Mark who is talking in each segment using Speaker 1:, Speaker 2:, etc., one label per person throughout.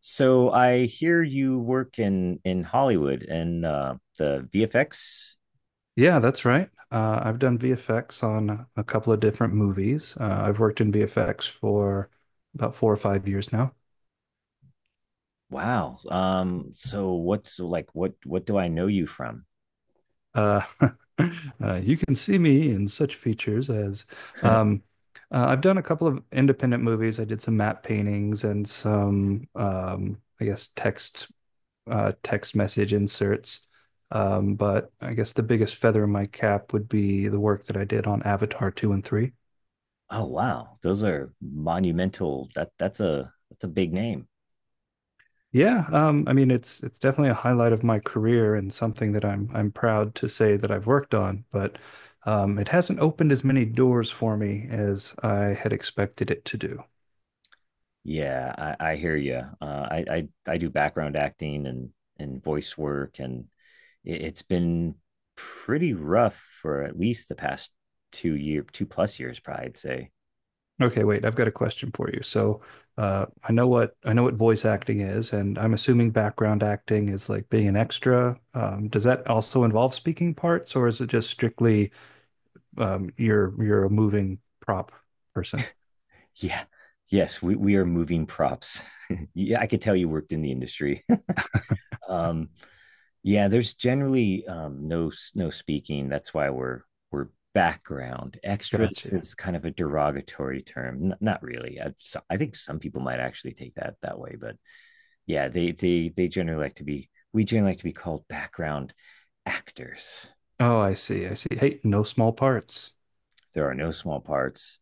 Speaker 1: So I hear you work in Hollywood and the VFX.
Speaker 2: Yeah, that's right. I've done VFX on a couple of different movies. I've worked in VFX for about 4 or 5 years now.
Speaker 1: Wow. So what's like what do I know you from?
Speaker 2: Uh, you can see me in such features as um, I've done a couple of independent movies. I did some matte paintings and some, I guess, text message inserts. But I guess the biggest feather in my cap would be the work that I did on Avatar 2 and 3.
Speaker 1: Oh wow. Those are monumental. That's a big name.
Speaker 2: Yeah, I mean it's definitely a highlight of my career and something that I'm proud to say that I've worked on, but it hasn't opened as many doors for me as I had expected it to do.
Speaker 1: Yeah, I hear you. I do background acting and voice work and it's been pretty rough for at least the past two plus years, probably, I'd say.
Speaker 2: Okay, wait, I've got a question for you. So, I know what voice acting is, and I'm assuming background acting is like being an extra. Does that also involve speaking parts, or is it just strictly you're a moving prop person?
Speaker 1: Yeah. Yes, we are moving props. Yeah, I could tell you worked in the industry. um, yeah, there's generally no speaking. That's why we're background extras
Speaker 2: Gotcha.
Speaker 1: is kind of a derogatory term. Not really. I think some people might actually take that way, but yeah, they generally like to be. We generally like to be called background actors.
Speaker 2: Oh, I see, I see. Hey, no small parts.
Speaker 1: There are no small parts.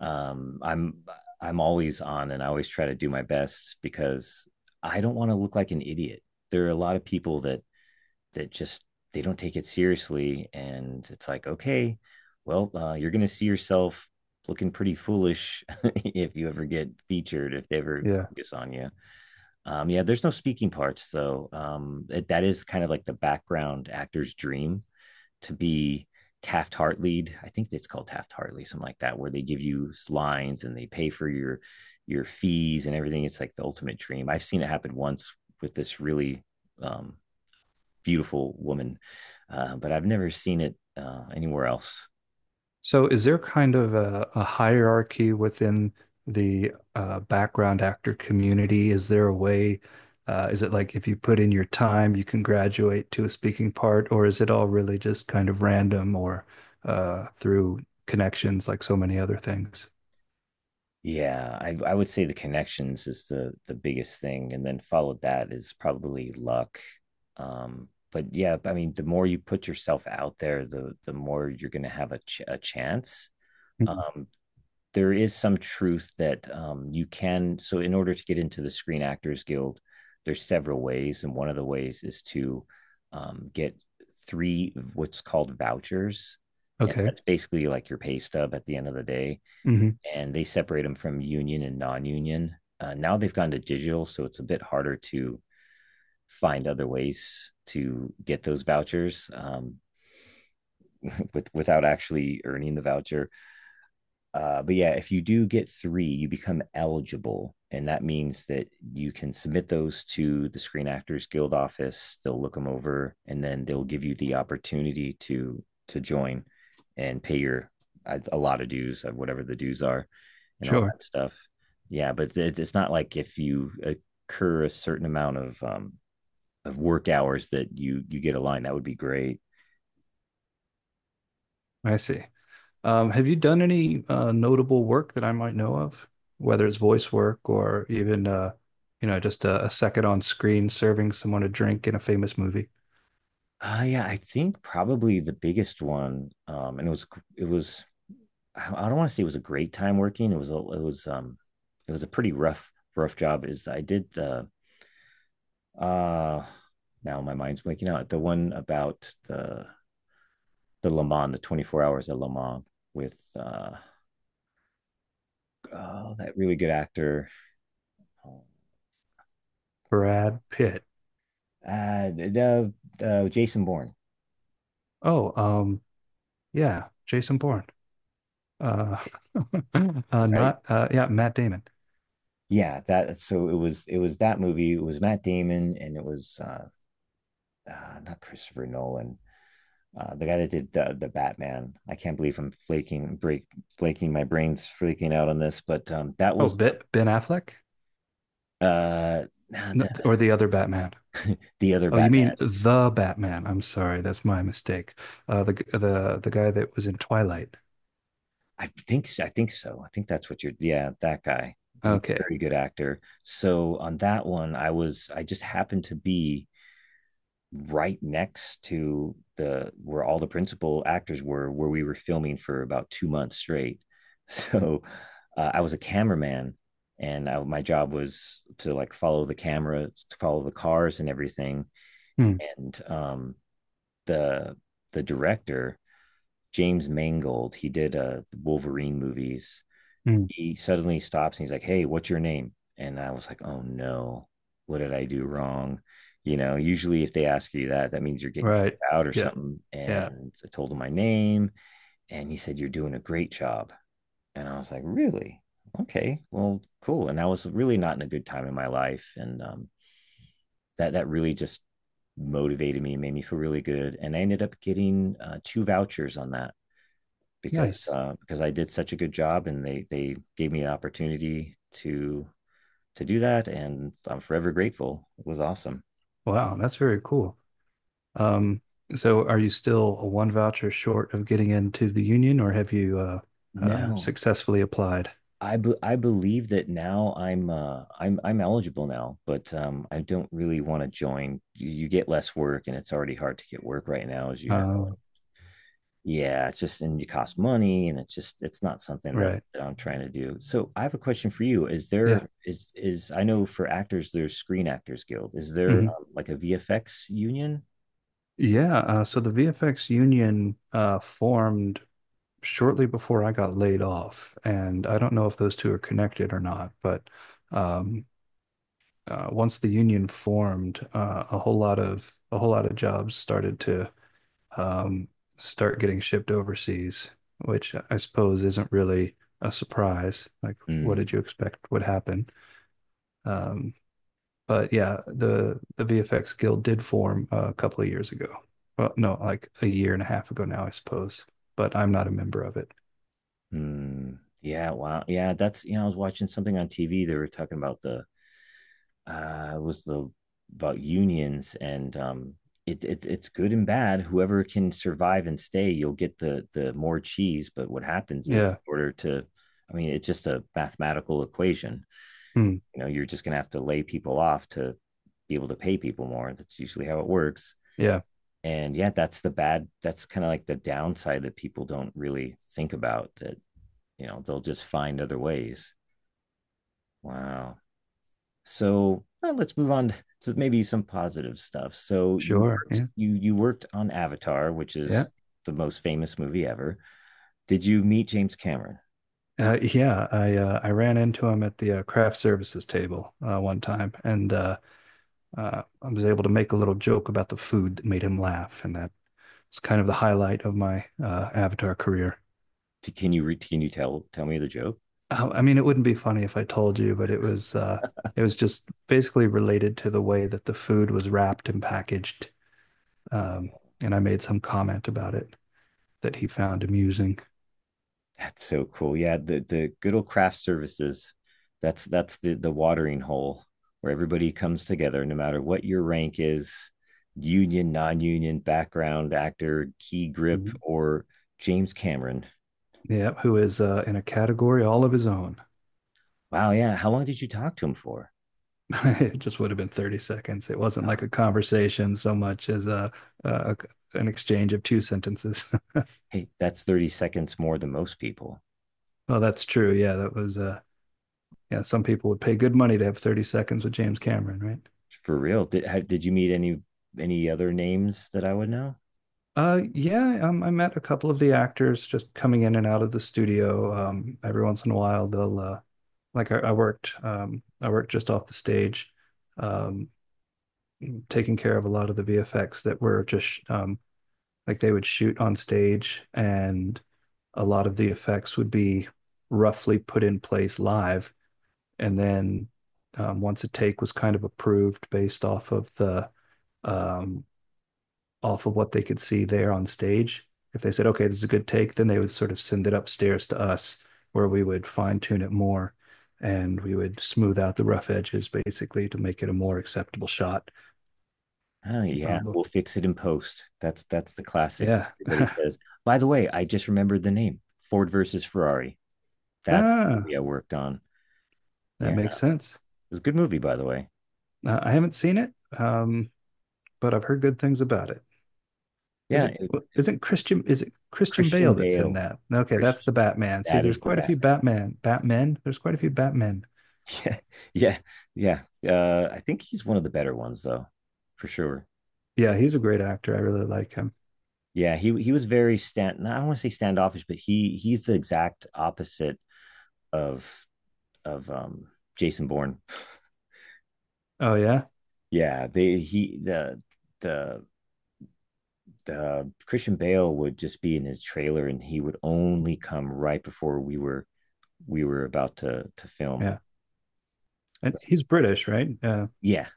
Speaker 1: I'm always on, and I always try to do my best, because I don't want to look like an idiot. There are a lot of people that that just they don't take it seriously, and it's like, okay, well, you're going to see yourself looking pretty foolish if you ever get featured, if they ever
Speaker 2: Yeah.
Speaker 1: focus on you. Yeah, there's no speaking parts though. That is kind of like the background actor's dream to be Taft Hartley. I think it's called Taft Hartley, something like that, where they give you lines and they pay for your fees and everything. It's like the ultimate dream. I've seen it happen once with this really um, beautiful woman, but I've never seen it anywhere else.
Speaker 2: So is there kind of a hierarchy within the background actor community? Is there a way, is it like if you put in your time, you can graduate to a speaking part, or is it all really just kind of random or through connections like so many other things?
Speaker 1: I would say the connections is the biggest thing, and then followed that is probably luck. But yeah, I mean, the more you put yourself out there, the more you're going to have a chance.
Speaker 2: Mm.
Speaker 1: Um, there is some truth that you can. So, in order to get into the Screen Actors Guild, there's several ways, and one of the ways is to get three what's called vouchers. And
Speaker 2: Okay.
Speaker 1: that's basically like your pay stub at the end of the day.
Speaker 2: Hmm.
Speaker 1: And they separate them from union and non union. Now they've gone to digital, so it's a bit harder to find other ways to get those vouchers, without actually earning the voucher. But yeah, if you do get three, you become eligible. And that means that you can submit those to the Screen Actors Guild office. They'll look them over, and then they'll give you the opportunity to join and pay your a lot of dues, whatever the dues are, and all
Speaker 2: Sure.
Speaker 1: that stuff. Yeah, but it's not like if you occur a certain amount of work hours that you get a line. That would be great.
Speaker 2: I see. Have you done any notable work that I might know of, whether it's voice work or even you know, just a second on screen serving someone a drink in a famous movie?
Speaker 1: Yeah, I think probably the biggest one, and it was I don't want to say it was a great time working. It was a pretty rough rough job. Is I did the uh now my mind's blanking out the one about the Le Mans, the 24 hours at Le Mans with oh, that really good actor. Oh,
Speaker 2: Brad Pitt.
Speaker 1: the Jason Bourne.
Speaker 2: Oh, yeah, Jason Bourne. Uh,
Speaker 1: Right,
Speaker 2: not yeah, Matt Damon.
Speaker 1: yeah, that so it was that movie. It was Matt Damon, and it was, not Christopher Nolan. The guy that did the Batman. I can't believe I'm flaking break flaking my brains freaking out on this, but that
Speaker 2: Oh,
Speaker 1: was the
Speaker 2: Ben Affleck.
Speaker 1: nah,
Speaker 2: N- or the other Batman.
Speaker 1: the other
Speaker 2: Oh, you
Speaker 1: Batman.
Speaker 2: mean the Batman? I'm sorry, that's my mistake. The guy that was in Twilight.
Speaker 1: I think so. I think that's what you're. Yeah, that guy. He's a
Speaker 2: Okay.
Speaker 1: very good actor. So on that one, I just happened to be right next to the where all the principal actors were, where we were filming for about 2 months straight. So I was a cameraman, and my job was to like follow the camera, to follow the cars and everything.
Speaker 2: Hmm.
Speaker 1: And the the director James Mangold, he did Wolverine movies.
Speaker 2: Hmm.
Speaker 1: He suddenly stops and he's like, "Hey, what's your name?" And I was like, "Oh no, what did I do wrong?" You know, usually if they ask you that, that means you're getting kicked
Speaker 2: Right.
Speaker 1: out or
Speaker 2: Yeah.
Speaker 1: something.
Speaker 2: Yeah.
Speaker 1: And I told him my name, and he said, "You're doing a great job." And I was like, "Really? Okay, well, cool." And I was really not in a good time in my life. And that that really just motivated me, made me feel really good. And I ended up getting 2 vouchers on that
Speaker 2: Nice.
Speaker 1: because I did such a good job, and they gave me an opportunity to do that, and I'm forever grateful. It was awesome.
Speaker 2: Wow, that's very cool. Um, so are you still a one voucher short of getting into the union, or have you
Speaker 1: No,
Speaker 2: successfully applied?
Speaker 1: I believe that now I'm I'm eligible now, but I don't really want to join. You get less work, and it's already hard to get work right now, as you
Speaker 2: Uh,
Speaker 1: know. Yeah, it's just and you cost money, and it's just it's not something
Speaker 2: right.
Speaker 1: that I'm trying to do. So I have a question for you: Is
Speaker 2: Yeah.
Speaker 1: there is I know for actors there's Screen Actors Guild. Is there
Speaker 2: Hmm.
Speaker 1: like a VFX union?
Speaker 2: Yeah. So the VFX union formed shortly before I got laid off, and I don't know if those two are connected or not, but um, once the union formed, a whole lot of jobs started to um, start getting shipped overseas, which I suppose isn't really a surprise. Like, what did
Speaker 1: Mm,
Speaker 2: you expect would happen? Um, but yeah, the VFX Guild did form a couple of years ago. Well, no, like a year and a half ago now, I suppose. But I'm not a member of it.
Speaker 1: yeah, wow, yeah. That's, you know, I was watching something on TV. They were talking about the was the about unions and, it it's good and bad. Whoever can survive and stay, you'll get the more cheese. But what happens is,
Speaker 2: Yeah.
Speaker 1: in order to, I mean, it's just a mathematical equation.
Speaker 2: Hmm.
Speaker 1: You know, you're just gonna have to lay people off to be able to pay people more. That's usually how it works.
Speaker 2: Yeah.
Speaker 1: And yeah, that's the bad. That's kind of like the downside that people don't really think about. That, you know, they'll just find other ways. Wow. So well, let's move on to maybe some positive stuff. So you
Speaker 2: Sure.
Speaker 1: worked,
Speaker 2: Yeah.
Speaker 1: you worked on Avatar, which
Speaker 2: Yeah.
Speaker 1: is the most famous movie ever. Did you meet James Cameron?
Speaker 2: Yeah, I ran into him at the craft services table one time, and I was able to make a little joke about the food that made him laugh, and that it's kind of the highlight of my Avatar career.
Speaker 1: Can you can you tell me the joke?
Speaker 2: I mean, it wouldn't be funny if I told you, but it was just basically related to the way that the food was wrapped and packaged. Um, and I made some comment about it that he found amusing.
Speaker 1: That's so cool. Yeah, the good old craft services. That's the watering hole where everybody comes together, no matter what your rank is, union, non-union, background, actor, key grip,
Speaker 2: Mhm.
Speaker 1: or James Cameron.
Speaker 2: Yeah, who is in a category all of his own.
Speaker 1: Wow, yeah. How long did you talk to him for?
Speaker 2: It just would have been 30 seconds. It wasn't like
Speaker 1: Huh.
Speaker 2: a conversation so much as a an exchange of two sentences.
Speaker 1: Hey, that's 30 seconds more than most people.
Speaker 2: Well, that's true. Yeah, that was yeah, some people would pay good money to have 30 seconds with James Cameron, right?
Speaker 1: For real. Did you meet any other names that I would know?
Speaker 2: Yeah, I met a couple of the actors just coming in and out of the studio. Every once in a while, they'll like I worked, I worked just off the stage, um, taking care of a lot of the VFX that were just like they would shoot on stage, and a lot of the effects would be roughly put in place live, and then once a take was kind of approved based off of the um, off of what they could see there on stage. If they said, okay, this is a good take, then they would sort of send it upstairs to us where we would fine tune it more and we would smooth out the rough edges basically to make it a more acceptable shot.
Speaker 1: Oh yeah,
Speaker 2: Um,
Speaker 1: we'll fix it in post. That's the classic.
Speaker 2: yeah.
Speaker 1: Everybody says. By the way, I just remembered the name. Ford versus Ferrari. That's the
Speaker 2: Ah,
Speaker 1: movie I worked on. Yeah,
Speaker 2: that
Speaker 1: it
Speaker 2: makes sense.
Speaker 1: was a good movie, by the way.
Speaker 2: I haven't seen it, um, but I've heard good things about it. Is
Speaker 1: Yeah,
Speaker 2: it
Speaker 1: it-
Speaker 2: well, isn't Christian is it Christian
Speaker 1: Christian
Speaker 2: Bale that's in
Speaker 1: Bale.
Speaker 2: that? Okay, that's
Speaker 1: Christian,
Speaker 2: the Batman. See,
Speaker 1: that
Speaker 2: there's
Speaker 1: is the
Speaker 2: quite a few
Speaker 1: Batman.
Speaker 2: Batmen.
Speaker 1: Yeah, yeah. I think he's one of the better ones, though, for sure.
Speaker 2: Yeah, he's a great actor. I really like him.
Speaker 1: Yeah, he was very stand. No, I don't want to say standoffish, but he he's the exact opposite of of um Jason Bourne.
Speaker 2: Oh yeah.
Speaker 1: Yeah, they he the Christian Bale would just be in his trailer, and he would only come right before we were about to film.
Speaker 2: Yeah, and he's British, right? Uh,
Speaker 1: Yeah,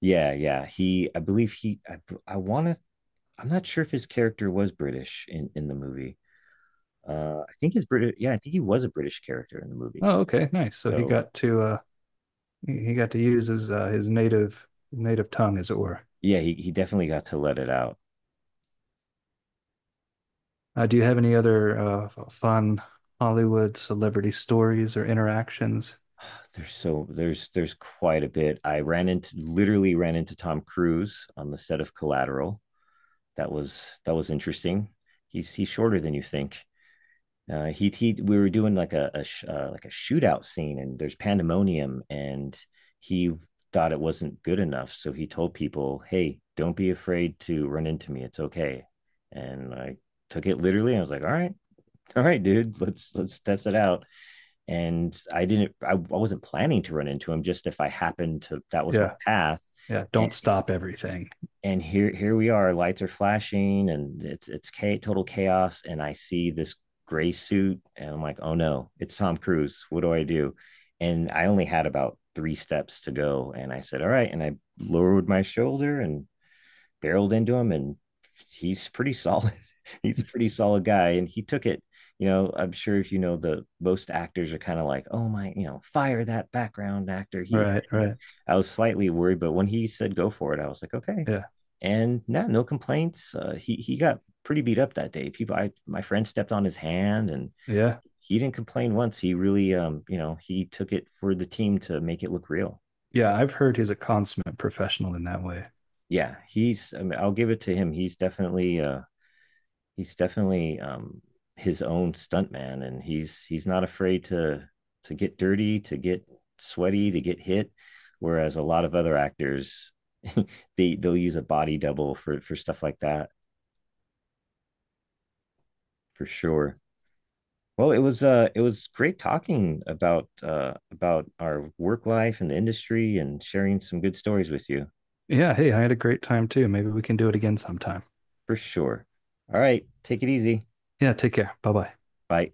Speaker 1: yeah, yeah. He, I believe he, I want to. I'm not sure if his character was British in the movie. I think his British. Yeah, I think he was a British character in the movie.
Speaker 2: oh, okay, nice. So he
Speaker 1: So
Speaker 2: got to use his native tongue, as it were.
Speaker 1: yeah, he definitely got to let it out.
Speaker 2: Do you have any other fun Hollywood celebrity stories or interactions?
Speaker 1: There's so there's quite a bit. I ran into literally ran into Tom Cruise on the set of Collateral. That was interesting. He's shorter than you think. He we were doing like like a shootout scene, and there's pandemonium, and he thought it wasn't good enough, so he told people, "Hey, don't be afraid to run into me. It's okay." And I took it literally. I was like, all right, all right, dude, let's test it out. And I didn't I wasn't planning to run into him, just if I happened to, that was my
Speaker 2: Yeah,
Speaker 1: path.
Speaker 2: yeah. Don't stop everything.
Speaker 1: And here we are, lights are flashing, and it's total chaos, and I see this gray suit, and I'm like, oh no, it's Tom Cruise, what do I do? And I only had about 3 steps to go, and I said, all right, and I lowered my shoulder and barreled into him, and he's pretty solid. He's a pretty solid guy, and he took it. You know, I'm sure, if you know the most actors are kind of like, oh my, you know, fire that background actor. He
Speaker 2: Right, right.
Speaker 1: I was slightly worried, but when he said go for it, I was like, okay.
Speaker 2: Yeah,
Speaker 1: And no, no complaints. He got pretty beat up that day. People, I my friend stepped on his hand, and
Speaker 2: yeah,
Speaker 1: he didn't complain once. He really, you know, he took it for the team to make it look real.
Speaker 2: yeah. I've heard he's a consummate professional in that way.
Speaker 1: Yeah, he's. I mean, I'll give it to him. He's definitely his own stuntman, and he's not afraid to get dirty, to get sweaty, to get hit. Whereas a lot of other actors, they they'll use a body double for stuff like that, for sure. Well, it was great talking about our work life and the industry and sharing some good stories with you,
Speaker 2: Yeah. Hey, I had a great time too. Maybe we can do it again sometime.
Speaker 1: for sure. All right, take it easy.
Speaker 2: Yeah. Take care. Bye bye.
Speaker 1: Bye.